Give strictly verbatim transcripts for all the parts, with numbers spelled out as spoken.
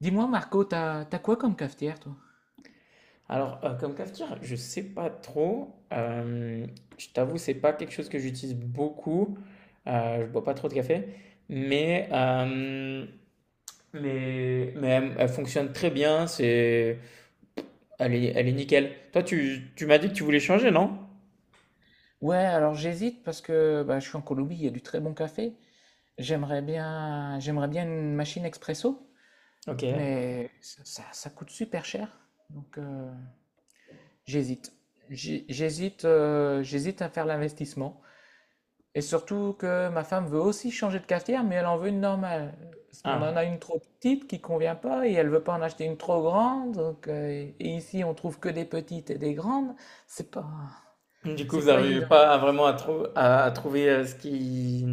Dis-moi, Marco, t'as t'as quoi comme cafetière, toi? Alors, euh, comme cafetière, je sais pas trop. Euh, je t'avoue, c'est pas quelque chose que j'utilise beaucoup. Euh, je bois pas trop de café, mais euh, mais, mais elle, elle fonctionne très bien. C'est, elle est, elle est nickel. Toi, tu, tu m'as dit que tu voulais changer, non? Ouais, alors j'hésite parce que bah, je suis en Colombie, il y a du très bon café. J'aimerais bien, j'aimerais bien une machine expresso, Ok. mais ça, ça- ça coûte super cher. Donc euh, j'hésite. J'hé- J'hésite, euh, j'hésite à faire l'investissement. Et surtout que ma femme veut aussi changer de cafetière, mais elle en veut une normale. Parce qu'on en Ah. a une trop petite qui convient pas et elle veut pas en acheter une trop grande. Donc, euh, et ici, on trouve que des petites et des grandes. C'est pas, Du coup, c'est vous pas n'arrivez évident. pas à vraiment à, trou- à- à trouver euh, ce qui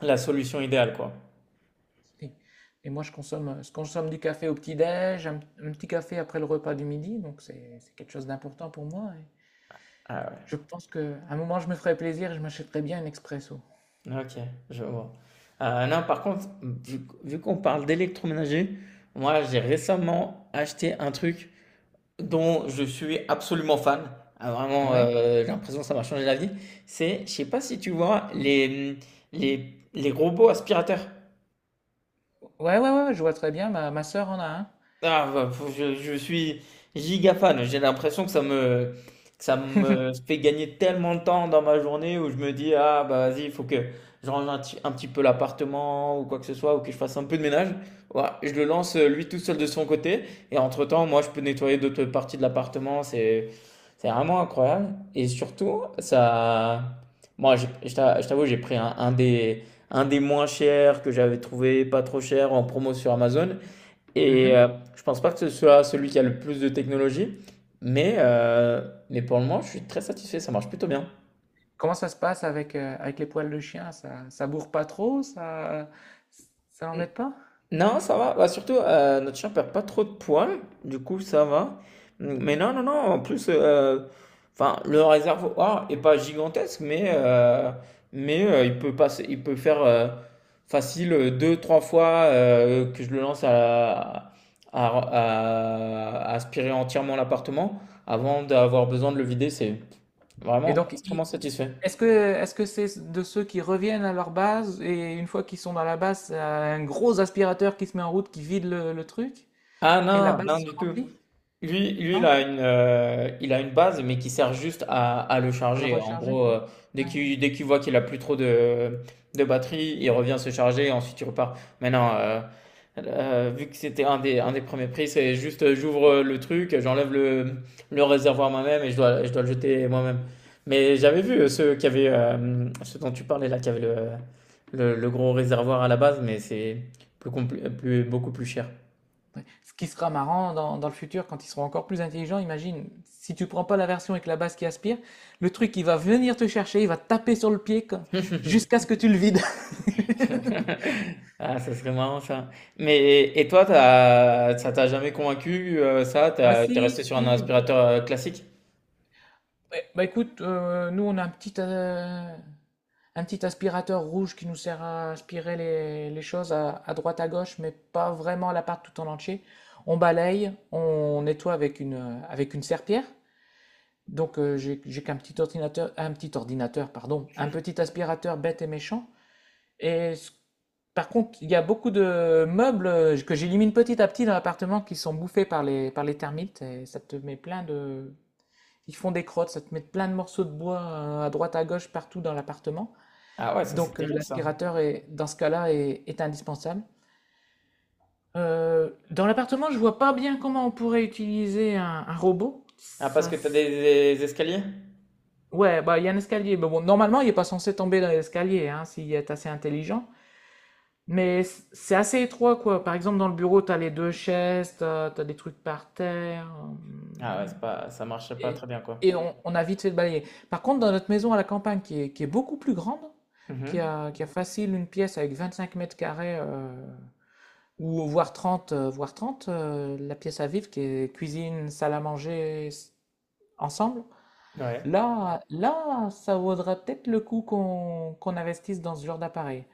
la solution idéale, quoi. Et, et moi, je consomme, euh, je consomme du café au petit-déj, un, un petit café après le repas du midi. Donc, c'est, c'est quelque chose d'important pour moi. Et Ah ouais. je pense qu'à un moment, je me ferai plaisir et je m'achèterai bien un expresso. OK, je vois. Heu, non, par contre, vu vu qu'on parle d'électroménager, moi, j'ai récemment acheté un truc dont je suis absolument fan. Ah, vraiment, Ouais, heu, j'ai l'impression que ça m'a changé la vie. C'est, je sais pas si tu vois les, mmh, les les robots aspirateurs? ouais, ouais, ouais, je vois très bien. Ma, ma sœur en a un. Ah, bah, faut- je, je suis giga fan. J'ai l'impression que ça me, que ça me fait gagner tellement de temps dans ma journée où je me dis, ah, bah vas-y, il faut que je range un, petit un petit peu l'appartement ou quoi que ce soit, ou que je fasse un peu de ménage. Voilà, je le lance euh, lui tout seul de son côté. Et entre-temps, moi, je peux nettoyer d'autres parties de l'appartement. C'est, c'est vraiment incroyable. Et surtout, ça. Moi, j'ai- je t'a- je t'avoue, j'ai pris un, un des, un des moins chers que j'avais trouvé, pas trop cher, en promo sur Amazon. Et Mhm. euh, je pense pas que ce soit celui qui a le plus de technologie, mais, euh, mais pour le moment, je suis très satisfait, ça marche plutôt bien. Comment ça se passe avec, euh, avec les poils de chien? Ça, ça bourre pas trop? Ça, ça Mm. l'embête pas? Non, ça va. Bah, surtout, euh, notre chien perd pas trop de poils, du coup, ça va. Mm, mais non, non, non, en plus, euh, enfin, le réservoir est pas gigantesque, mais, euh, mais euh, il peut passer, il peut faire euh, facile euh, deux, trois fois euh, que je le lance à, à, à- à aspirer entièrement l'appartement avant d'avoir besoin de le vider. C'est Et vraiment donc, extrêmement il- satisfait. est-ce que, est-ce que c'est de ceux qui reviennent à leur base et une fois qu'ils sont dans la base, c'est un gros aspirateur qui se met en route, qui vide le, le truc Ah et la non, base non se du tout. remplit? Lui, lui, il Non? a une, euh, il a une base, mais qui sert juste à, à le À le charger. En recharger? gros, euh, dès Ouais, qu'il, dès qu'il voit qu'il a plus trop de, de batterie, il revient se charger et ensuite il repart. Maintenant, euh, euh, vu que c'était un des, un des premiers prix, c'est juste euh, j'ouvre euh, le truc, j'enlève le, le réservoir moi-même et je dois, je dois le jeter moi-même. Mais j'avais vu euh, ceux qui avaient, euh, ceux dont tu parlais là, qui avaient le, le, le gros réservoir à la base, mais c'est plus, compl- plus beaucoup plus cher. ouais. Ce qui sera marrant dans, dans le futur quand ils seront encore plus intelligents, imagine, si tu prends pas la version avec la base qui aspire, le truc il va venir te chercher, il va taper sur le pied comme- jusqu'à ce que tu le vides. Ah, ça serait marrant ça. Mais et toi, t'as, ça t'a jamais convaincu euh, ça? Bah T'as- T'es si, resté sur un si. aspirateur euh, classique? Ouais, bah écoute, euh, nous on a un petit, euh, un petit aspirateur rouge qui nous sert à aspirer les, les choses à, à droite à gauche, mais pas vraiment l'appart tout en entier. On balaye, on nettoie avec une, euh, avec une serpillière. Donc euh, j'ai, j'ai qu'un petit ordinateur, un petit ordinateur, pardon, un petit aspirateur bête et méchant. Et ce- par contre, il y a beaucoup de meubles euh, que j'élimine petit à petit dans l'appartement qui sont bouffés par les, par les termites et ça te met plein de, ils font des crottes, ça te met plein de morceaux de bois euh, à droite, à gauche, partout dans l'appartement. Ah ouais, ça c'est Donc euh, terrible ça. l'aspirateur est, dans ce cas-là, est, est indispensable. Euh, dans l'appartement, je vois pas bien comment on pourrait utiliser un, un robot. Ah parce Ça, que t'as s- des, des escaliers? Ouais, bah il y a un escalier, mais bon, normalement il est pas censé tomber dans l'escalier, hein, s'il est assez intelligent. Mais c- c'est assez étroit, quoi. Par exemple, dans le bureau, t'as les deux chaises, t'as, t'as des trucs par terre. euh, Ah ouais, c'est pas, ça marche pas et, très bien quoi. et on, on a vite fait de balayer. Par contre, dans notre maison à la campagne, qui est, qui est beaucoup plus grande, qui Mhm. a, qui a facile une pièce avec vingt-cinq mètres carrés, euh, ou voire trente, euh, voire trente, euh, la pièce à vivre, qui est cuisine, salle à manger, s- ensemble, Ouais. là, là, ça vaudra peut-être le coup qu'on qu'on investisse dans ce genre d'appareil.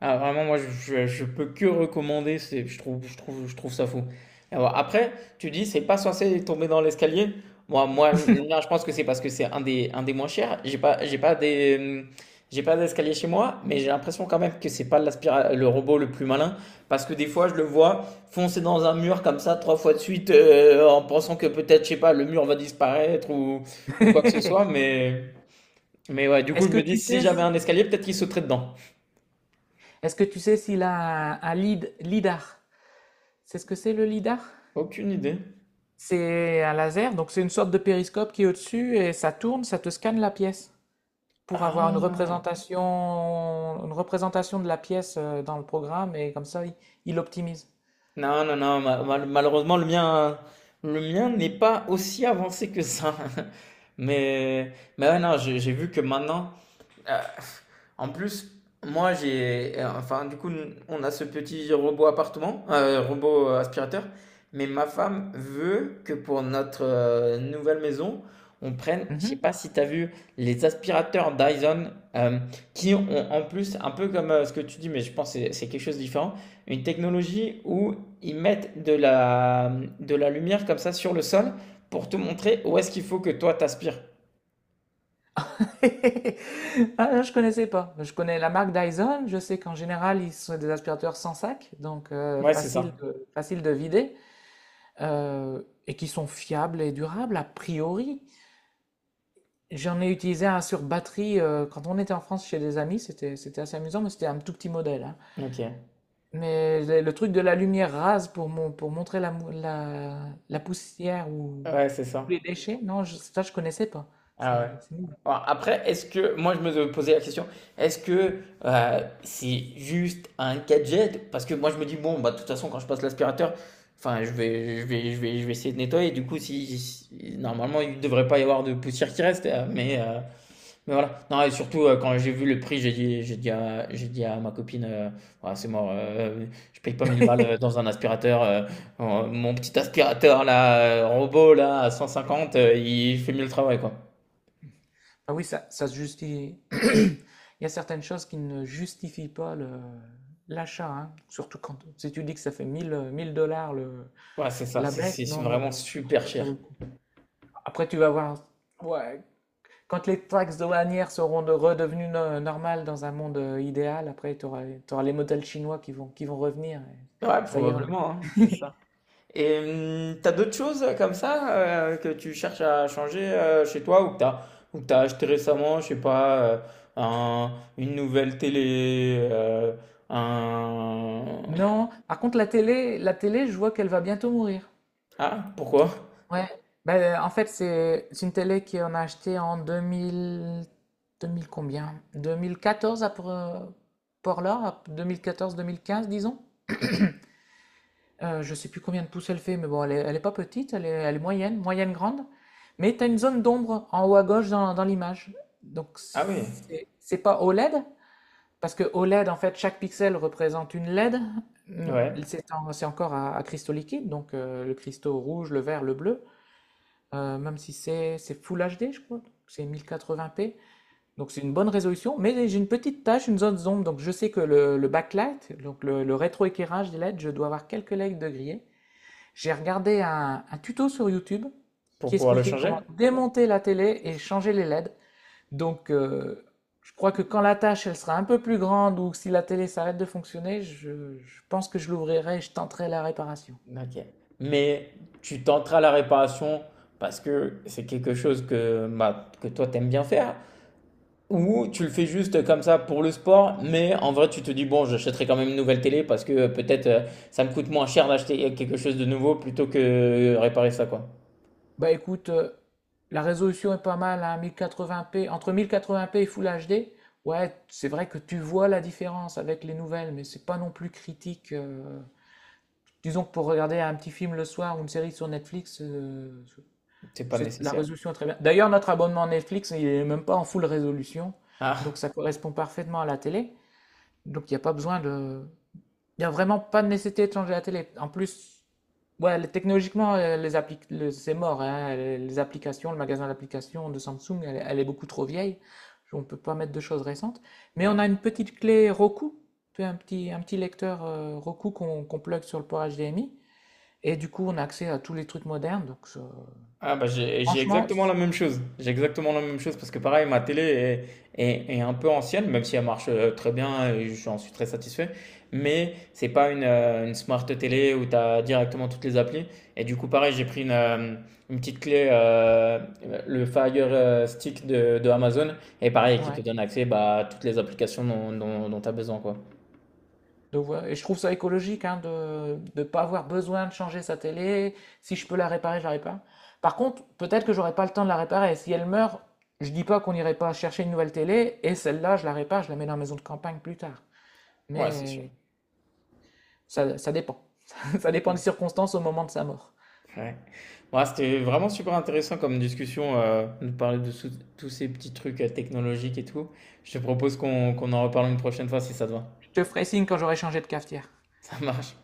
Ah vraiment moi je je je peux que recommander, c'est je trouve je trouve je trouve ça fou. Alors après, tu dis c'est pas censé tomber dans l'escalier. Moi moi le mien, je pense que c'est parce que c'est un des un des moins chers. J'ai pas j'ai pas des hum, j'ai pas d'escalier chez moi, mais j'ai l'impression quand même que c'est pas l'aspira- le robot le plus malin parce que des fois je le vois foncer dans un mur comme ça trois fois de suite euh, en pensant que peut-être je sais pas le mur va disparaître ou ou quoi que ce soit mais mais ouais, du coup Est-ce je que me dis tu si sais j'avais un si- escalier, peut-être qu'il sauterait dedans. est-ce que tu sais s'il a un, un lead, lidar? C'est ce que c'est le lidar? Aucune idée. C'est un laser, donc c'est une sorte de périscope qui est au-dessus et ça tourne, ça te scanne la pièce pour avoir une Ah. représentation, une représentation de la pièce euh, dans le programme et comme ça, il, il optimise. Non, non, non, ma- mal- malheureusement, le mien, le mien n'est pas aussi avancé que ça. Mais, mais ouais, non, j'ai j'ai vu que maintenant, euh, en plus, moi j'ai, euh, enfin du coup, n- on a ce petit robot appartement, euh, robot euh, aspirateur, mais ma femme veut que pour notre euh, nouvelle maison, on prenne, je sais Mhm. pas si tu as vu, les aspirateurs Dyson, euh, qui ont en plus, un peu comme euh, ce que tu dis, mais je pense que c'est c'est quelque chose de différent, une technologie où ils mettent de la, de la lumière comme ça sur le sol pour te montrer où est-ce qu'il faut que toi t'aspires. Ah, je connaissais pas. Je connais la marque Dyson, je sais qu'en général, ils sont des aspirateurs sans sac, donc euh, Ouais, c'est facile ça. de, facile de vider, euh, et qui sont fiables et durables a priori. J'en ai utilisé un sur batterie euh, quand on était en France chez des amis, c'était c'était assez amusant, mais c'était un tout petit modèle, hein. Ok. Mais le le truc de la lumière rase pour, mon, pour montrer la, mou- la, la poussière ou Ouais, c'est les ça. déchets, non, je- ça je connaissais pas. Ah ouais. C'est c'est nouveau. Bon, après, est-ce que, moi je me posais la question, est-ce que euh, c'est juste un gadget? Parce que moi je me dis, bon, bah, de toute façon, quand je passe l'aspirateur, enfin, je vais, je vais, je vais, je vais essayer de nettoyer. Du coup, si, si- si, normalement, il ne devrait pas y avoir de poussière qui reste. euh, Mais, euh, mais voilà. Non, et surtout, euh, quand j'ai vu le prix, j'ai dit, j'ai dit à, j'ai dit à ma copine, euh, ouais, c'est mort, euh, je paye pas mille balles euh, dans un aspirateur. Euh, euh, mon petit aspirateur, là, euh, robot, là, à cent cinquante, euh, il fait mieux le travail, quoi. Ah oui, ça, ça se justifie. Il y a certaines choses qui ne justifient pas le- l'achat, hein. Surtout quand si tu dis que ça fait mille euh, mille dollars le, Ouais, c'est ça, la c'est bête, c'est non, non, vraiment non, je pense super pas que ça vaut cher. le coup. Après, tu vas voir, ouais, quand les taxes douanières seront de- redevenues no- normales dans un monde euh, idéal, après, tu auras, les modèles chinois qui vont, qui vont revenir. Et Ouais, ça ira. probablement, hein, c'est ça. Et hum, t'as d'autres choses euh, comme ça euh, que tu cherches à changer euh, chez toi ou que t'as ou que t'as acheté récemment, je sais pas, euh, un- une nouvelle télé, euh, un... Non, par contre, la télé, la télé, je vois qu'elle va bientôt mourir. Ah, pourquoi? Ouais. Ben, en fait, c'est c'est une télé qu'on a achetée en deux mille, deux mille combien? deux mille quatorze à Por- Portland, à deux mille quatorze-deux mille quinze, disons. Heu, je sais plus combien de pouces elle fait, mais bon, elle est elle est pas petite, elle est elle est moyenne, moyenne grande, mais tu as une zone d'ombre en haut à gauche dans dans l'image. Donc Ah oui, c'est c'est pas O L E D, parce que O L E D, en fait, chaque pixel représente une L E D. Mmh, ouais, c'est en c'est encore à à cristaux liquides, donc heu, le cristaux rouge, le vert, le bleu, heu, même si c'est c'est full H D, je crois, c'est mille quatre-vingts p, donc c'est une bonne résolution, mais j'ai une petite tache, une zone d'ombre, donc je sais que le le backlight, donc le le rétroéclairage des L E D, je dois avoir quelques L E D de grillé. J'ai regardé un, un tuto sur YouTube qui pour pouvoir le expliquait changer? comment démonter la télé et changer les L E D. Donc, euh, je crois que quand la tâche elle sera un peu plus grande ou si la télé s'arrête de fonctionner, je, je pense que je l'ouvrirai et je tenterai la réparation. Ok. Mais tu tenteras la réparation parce que c'est quelque chose que, bah, que toi t'aimes bien faire. Ou tu le fais juste comme ça pour le sport, mais en vrai tu te dis bon j'achèterai quand même une nouvelle télé parce que euh, peut-être euh, ça me coûte moins cher d'acheter quelque chose de nouveau plutôt que euh, réparer ça quoi. Bah écoute, euh, la résolution est pas mal, hein, mille quatre-vingts p, entre mille quatre-vingts p et Full H D. Ouais, c'est vrai que tu vois la différence avec les nouvelles, mais c'est pas non plus critique. euh. Disons que pour regarder un petit film le soir ou une série sur Netflix, euh, C'est pas C'est- la nécessaire. résolution est très bien. D'ailleurs, notre abonnement Netflix, il n'est même pas en full résolution. Donc, Ah ça correspond parfaitement à la télé. Donc, il n'y a pas besoin de. Il n'y a vraiment pas de nécessité de changer la télé. En plus, ouais, les- technologiquement, euh, les appli- le- c'est mort, hein. Les les applications, le magasin d'applications de Samsung, elle, est elle est beaucoup trop vieille. On ne peut pas mettre de choses récentes. Mais on ouais. a une petite clé Roku, tu vois, un petit, un petit lecteur euh, Roku qu'on qu'on plug sur le port H D M I. Et du coup, on a accès à tous les trucs modernes. Donc, ça- Ah bah j'ai j'ai franchement, exactement la même chose. J'ai ouais, exactement la même chose parce que pareil, ma télé est, est- est un peu ancienne, même si elle marche euh, très bien et j'en suis très satisfait. Mais c'est pas une, euh, une smart télé où tu as directement toutes les applis. Et du coup, pareil, j'ai pris une, euh, une petite clé, euh, le Fire euh, Stick de, de Amazon, et pareil, qui te ouais. donne accès bah, à toutes les applications dont, dont, tu as besoin, quoi. Donc voilà. Et je trouve ça écologique hein, de ne pas avoir besoin de changer sa télé. Si je peux la réparer, je la répare. Par contre, peut-être que j'aurai pas le temps de la réparer. Si elle meurt, je dis pas qu'on n'irait pas chercher une nouvelle télé et celle-là, je la répare, je la mets dans la maison de campagne plus tard. Ouais, c'est sûr. Mais ça, ça dépend. Ça dépend des circonstances au moment de sa mort. Ouais. Bon, c'était vraiment super intéressant comme discussion, euh, de parler de sous- tous ces petits trucs euh, technologiques et tout. Je te propose qu'on qu'on en reparle une prochaine fois si ça te va. Je te ferai signe quand j'aurai changé de cafetière. Ça marche.